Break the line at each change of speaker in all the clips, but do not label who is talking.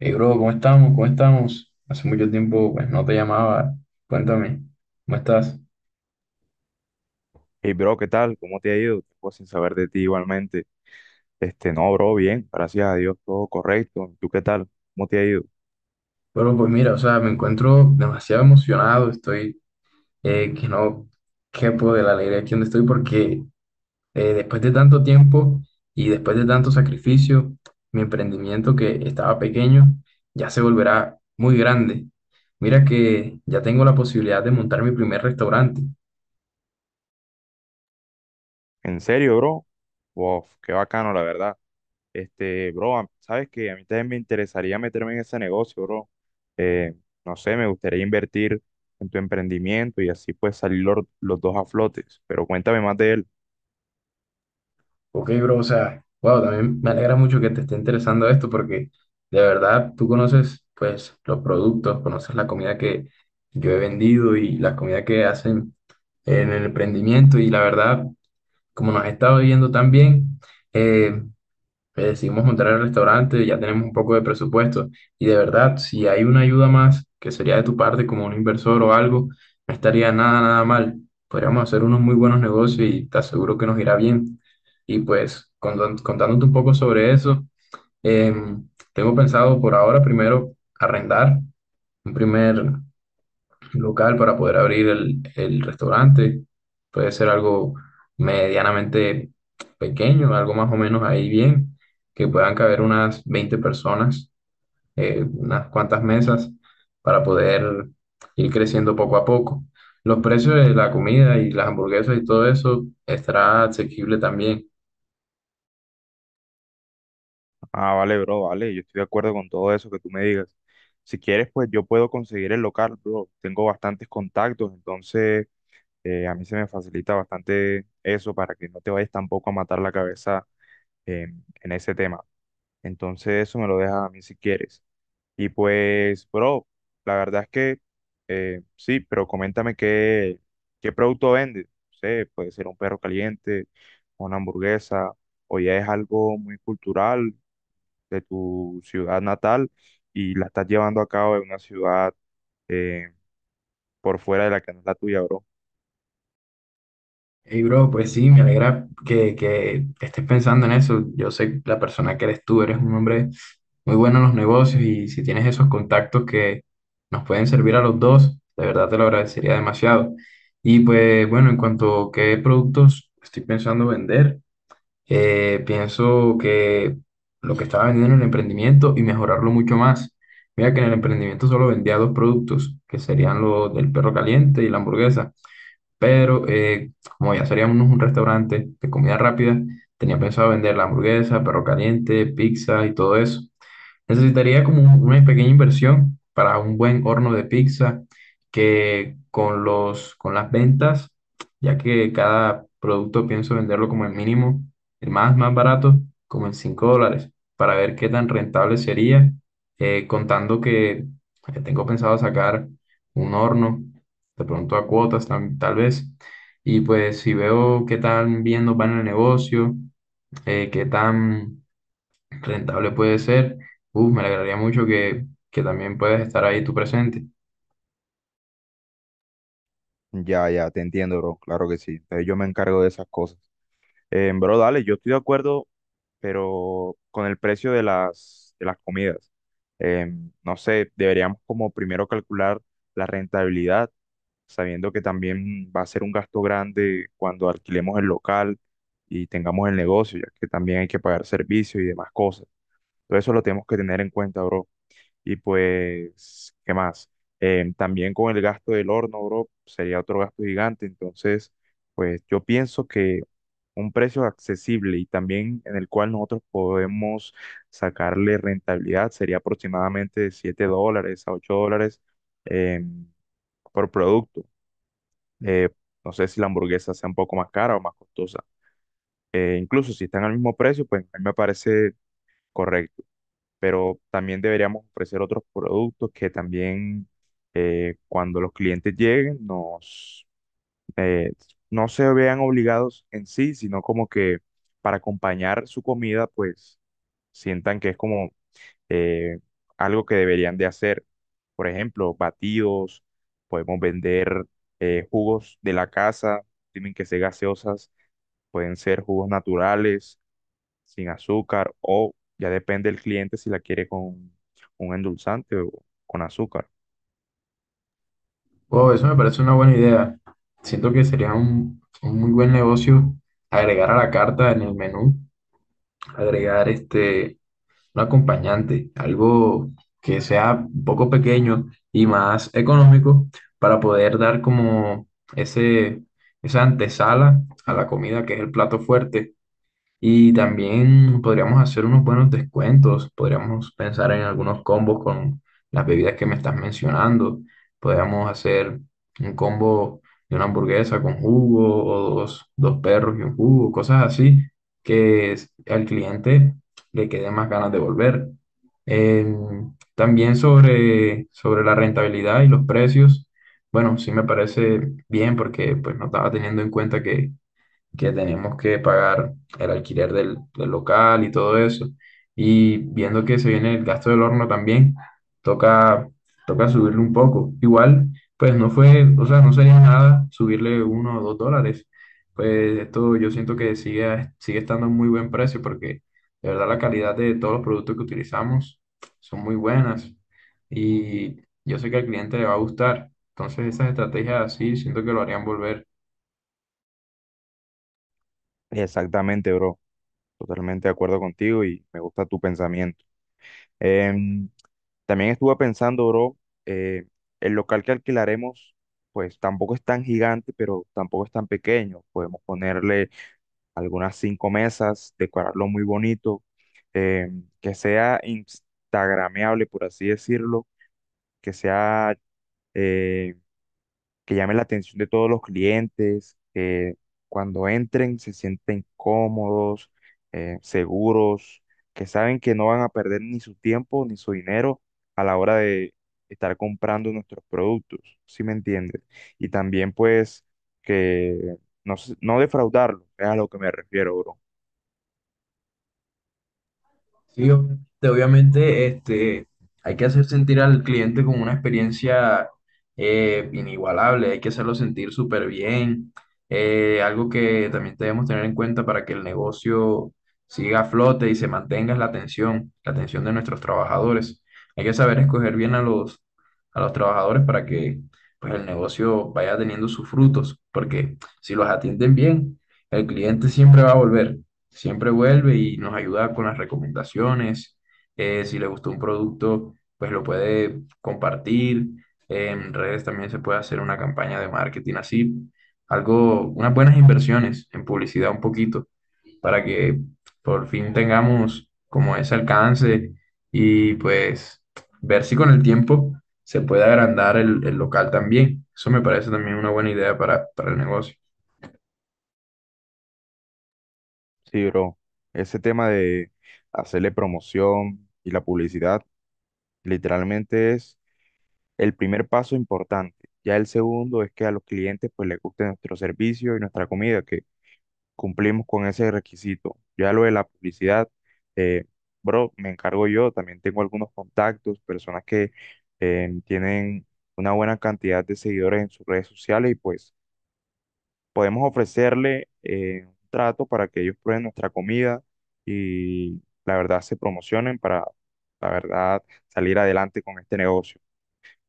Hey, bro, ¿cómo estamos? ¿Cómo estamos? Hace mucho tiempo, pues, no te llamaba. Cuéntame, ¿cómo estás?
Hey, bro, ¿qué tal? ¿Cómo te ha ido? Tiempo sin saber de ti igualmente. No, bro, bien, gracias a Dios, todo correcto. ¿Tú qué tal? ¿Cómo te ha ido?
Bueno, pues mira, o sea, me encuentro demasiado emocionado. Estoy que no quepo de la alegría aquí donde estoy porque después de tanto tiempo y después de tanto sacrificio, mi emprendimiento que estaba pequeño ya se volverá muy grande. Mira que ya tengo la posibilidad de montar mi primer restaurante.
¿En serio, bro? Wow, qué bacano, la verdad. Bro, sabes que a mí también me interesaría meterme en ese negocio, bro. Eh, no sé, me gustaría invertir en tu emprendimiento y así pues salir los dos a flotes. Pero cuéntame más de él.
Ok, bro, o sea, wow, también me alegra mucho que te esté interesando esto porque de verdad tú conoces pues los productos, conoces la comida que yo he vendido y la comida que hacen en el emprendimiento y la verdad, como nos has estado viendo tan bien, eh, decidimos montar el restaurante, ya tenemos un poco de presupuesto y de verdad, si hay una ayuda más que sería de tu parte como un inversor o algo, no estaría nada, nada mal. Podríamos hacer unos muy buenos negocios y te aseguro que nos irá bien. Y pues contándote un poco sobre eso, tengo pensado por ahora primero arrendar un primer local para poder abrir el restaurante. Puede ser algo medianamente pequeño, algo más o menos ahí bien, que puedan caber unas 20 personas, unas cuantas mesas para poder ir creciendo poco a poco. Los precios de la comida y las hamburguesas y todo eso estará asequible también.
Ah, vale, bro, vale, yo estoy de acuerdo con todo eso que tú me digas. Si quieres, pues yo puedo conseguir el local, bro. Tengo bastantes contactos, entonces a mí se me facilita bastante eso para que no te vayas tampoco a matar la cabeza en ese tema. Entonces eso me lo dejas a mí si quieres. Y pues, bro, la verdad es que sí, pero qué producto vendes. No sé, puede ser un perro caliente, una hamburguesa, o ya es algo muy cultural de tu ciudad natal y la estás llevando a cabo en una ciudad, eh, por fuera de la que no es la tuya, bro.
Hey, bro, pues sí, me alegra que estés pensando en eso. Yo sé la persona que eres tú, eres un hombre muy bueno en los negocios y si tienes esos contactos que nos pueden servir a los dos, de verdad te lo agradecería demasiado. Y pues bueno, en cuanto a qué productos estoy pensando vender, pienso que lo que estaba vendiendo en el emprendimiento y mejorarlo mucho más. Mira que en el emprendimiento solo vendía dos productos, que serían los del perro caliente y la hamburguesa, pero como ya seríamos un restaurante de comida rápida, tenía pensado vender la hamburguesa, perro caliente, pizza y todo eso. Necesitaría como una pequeña inversión para un buen horno de pizza que con las ventas, ya que cada producto pienso venderlo como el mínimo, el más barato, como en $5, para ver qué tan rentable sería, contando que tengo pensado sacar un horno de pronto a cuotas tal vez. Y pues si veo qué tan bien nos va en el negocio, qué tan rentable puede ser, uf, me alegraría mucho que también puedas estar ahí tú presente.
Ya, ya, te entiendo, bro. Claro que sí. Entonces yo me encargo de esas cosas. Bro, dale, yo estoy de acuerdo, pero con el precio de las comidas. Eh, no sé, deberíamos como primero calcular la rentabilidad, sabiendo que también va a ser un gasto grande cuando alquilemos el local y tengamos el negocio, ya que también hay que pagar servicios y demás cosas. Todo eso lo tenemos que tener en cuenta, bro. Y pues, ¿qué más? También con el gasto del horno, bro, sería otro gasto gigante. Entonces, pues yo pienso que un precio accesible y también en el cual nosotros podemos sacarle rentabilidad sería aproximadamente de $7 a $8 em, por producto. Eh, no sé si la hamburguesa sea un poco más cara o más costosa. Incluso si están al mismo precio, pues a mí me parece correcto, pero también deberíamos ofrecer otros productos que también, cuando los clientes lleguen eh, no se vean obligados en sí, sino como que para acompañar su comida, pues sientan que es como, eh, algo que deberían de hacer. Por ejemplo, batidos, podemos vender, jugos de la casa, tienen que ser gaseosas, pueden ser jugos naturales sin azúcar o ya depende del cliente si la quiere con un endulzante o con azúcar.
Wow, eso me parece una buena idea. Siento que sería un muy buen negocio agregar a la carta en el menú, agregar este un acompañante, algo que sea un poco pequeño y más económico para poder dar como ese, esa antesala a la comida que es el plato fuerte, y también podríamos hacer unos buenos descuentos, podríamos pensar en algunos combos con las bebidas que me estás mencionando. Podríamos hacer un combo de una hamburguesa con jugo o dos perros y un jugo, cosas así, al cliente le quede más ganas de volver. También sobre la rentabilidad y los precios, bueno, sí me parece bien porque pues no estaba teniendo en cuenta que tenemos que pagar el alquiler del local y todo eso. Y viendo que se viene el gasto del horno también, toca, toca subirle un poco. Igual, pues no fue, o sea, no sería nada subirle $1 o $2. Pues esto yo siento que sigue estando a muy buen precio porque de verdad la calidad de todos los productos que utilizamos son muy buenas y yo sé que al cliente le va a gustar. Entonces esas estrategias así siento que lo harían volver.
Exactamente, bro. Totalmente de acuerdo contigo y me gusta tu pensamiento. Em, También estuve pensando, bro, eh, el local que alquilaremos, pues tampoco es tan gigante, pero tampoco es tan pequeño. Podemos ponerle algunas 5 mesas, decorarlo muy bonito, que sea instagrameable, por así decirlo, que sea... em, que llame la atención de todos los clientes, que cuando entren se sienten cómodos, seguros, que saben que no van a perder ni su tiempo ni su dinero a la hora de estar comprando nuestros productos, ¿sí me entiendes? Y también pues que no defraudarlo, es a lo que me refiero, bro.
Sí, obviamente este, hay que hacer sentir al cliente como una experiencia inigualable, hay que hacerlo sentir súper bien. Algo que también debemos tener en cuenta para que el negocio siga a flote y se mantenga es la atención de nuestros trabajadores. Hay que saber escoger bien a a los trabajadores para que, pues, el negocio vaya teniendo sus frutos, porque si los atienden bien, el cliente siempre va a volver. Siempre vuelve y nos ayuda con las recomendaciones. Si le gustó un producto, pues lo puede compartir. En redes también se puede hacer una campaña de marketing así. Algo, unas buenas inversiones en publicidad un poquito para que por fin tengamos como ese alcance y pues ver si con el tiempo se puede agrandar el local también. Eso me parece también una buena idea para el negocio.
Sí, bro. Ese tema de hacerle promoción y la publicidad literalmente es el primer paso importante. Ya el segundo es que a los clientes pues les guste nuestro servicio y nuestra comida, que cumplimos con ese requisito. Ya lo de la publicidad, eh, bro, me encargo yo, también tengo algunos contactos, personas que, tienen una buena cantidad de seguidores en sus redes sociales y pues podemos ofrecerle, un trato para que ellos prueben nuestra comida y la verdad se promocionen para, la verdad, salir adelante con este negocio.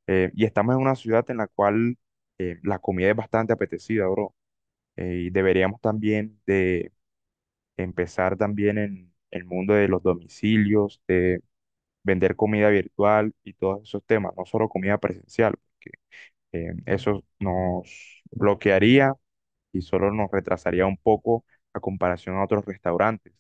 Y estamos en una ciudad en la cual, la comida es bastante apetecida, bro. Y deberíamos también de empezar también en el mundo de los domicilios, de vender comida virtual y todos esos temas, no solo comida presencial, porque, eso nos bloquearía y solo nos retrasaría un poco a comparación a otros restaurantes.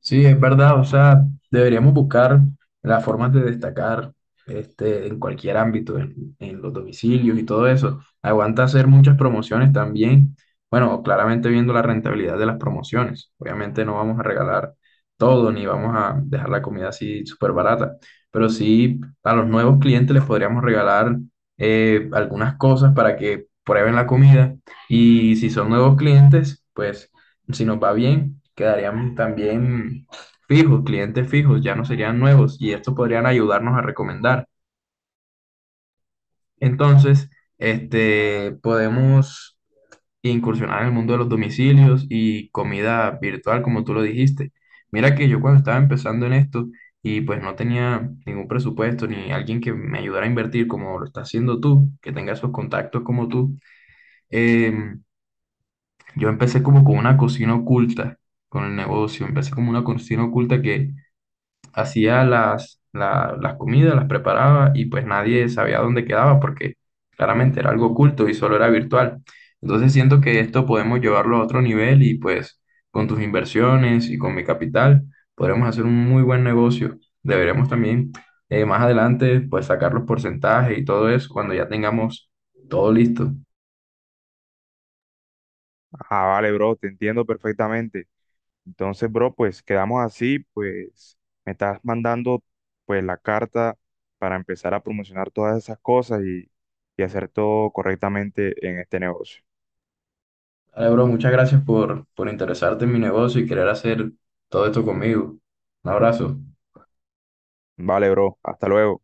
Sí, es verdad, o sea, deberíamos buscar las formas de destacar este, en cualquier ámbito, en los domicilios y todo eso. Aguanta hacer muchas promociones también. Bueno, claramente viendo la rentabilidad de las promociones. Obviamente no vamos a regalar todo ni vamos a dejar la comida así súper barata, pero sí a los nuevos clientes les podríamos regalar algunas cosas para que prueben la comida, y si son nuevos clientes, pues si nos va bien, quedarían también fijos, clientes fijos, ya no serían nuevos y estos podrían ayudarnos a recomendar. Entonces, este, podemos incursionar en el mundo de los domicilios y comida virtual, como tú lo dijiste. Mira que yo cuando estaba empezando en esto y pues no tenía ningún presupuesto ni alguien que me ayudara a invertir como lo estás haciendo tú, que tenga esos contactos como tú, em, yo empecé como con una cocina oculta con el negocio. Empecé como una cocina oculta que hacía las comidas, las preparaba y pues nadie sabía dónde quedaba porque claramente era algo oculto y solo era virtual. Entonces siento que esto podemos llevarlo a otro nivel y pues con tus inversiones y con mi capital podremos hacer un muy buen negocio. Deberemos también, más adelante, pues sacar los porcentajes y todo eso cuando ya tengamos todo listo.
Ah, vale, bro, te entiendo perfectamente. Entonces, bro, pues quedamos así, pues me estás mandando pues la carta para empezar a promocionar todas esas cosas y hacer todo correctamente en este negocio.
Vale, bro, muchas gracias por interesarte en mi negocio y querer hacer todo esto conmigo. Un abrazo.
Vale, bro, hasta luego.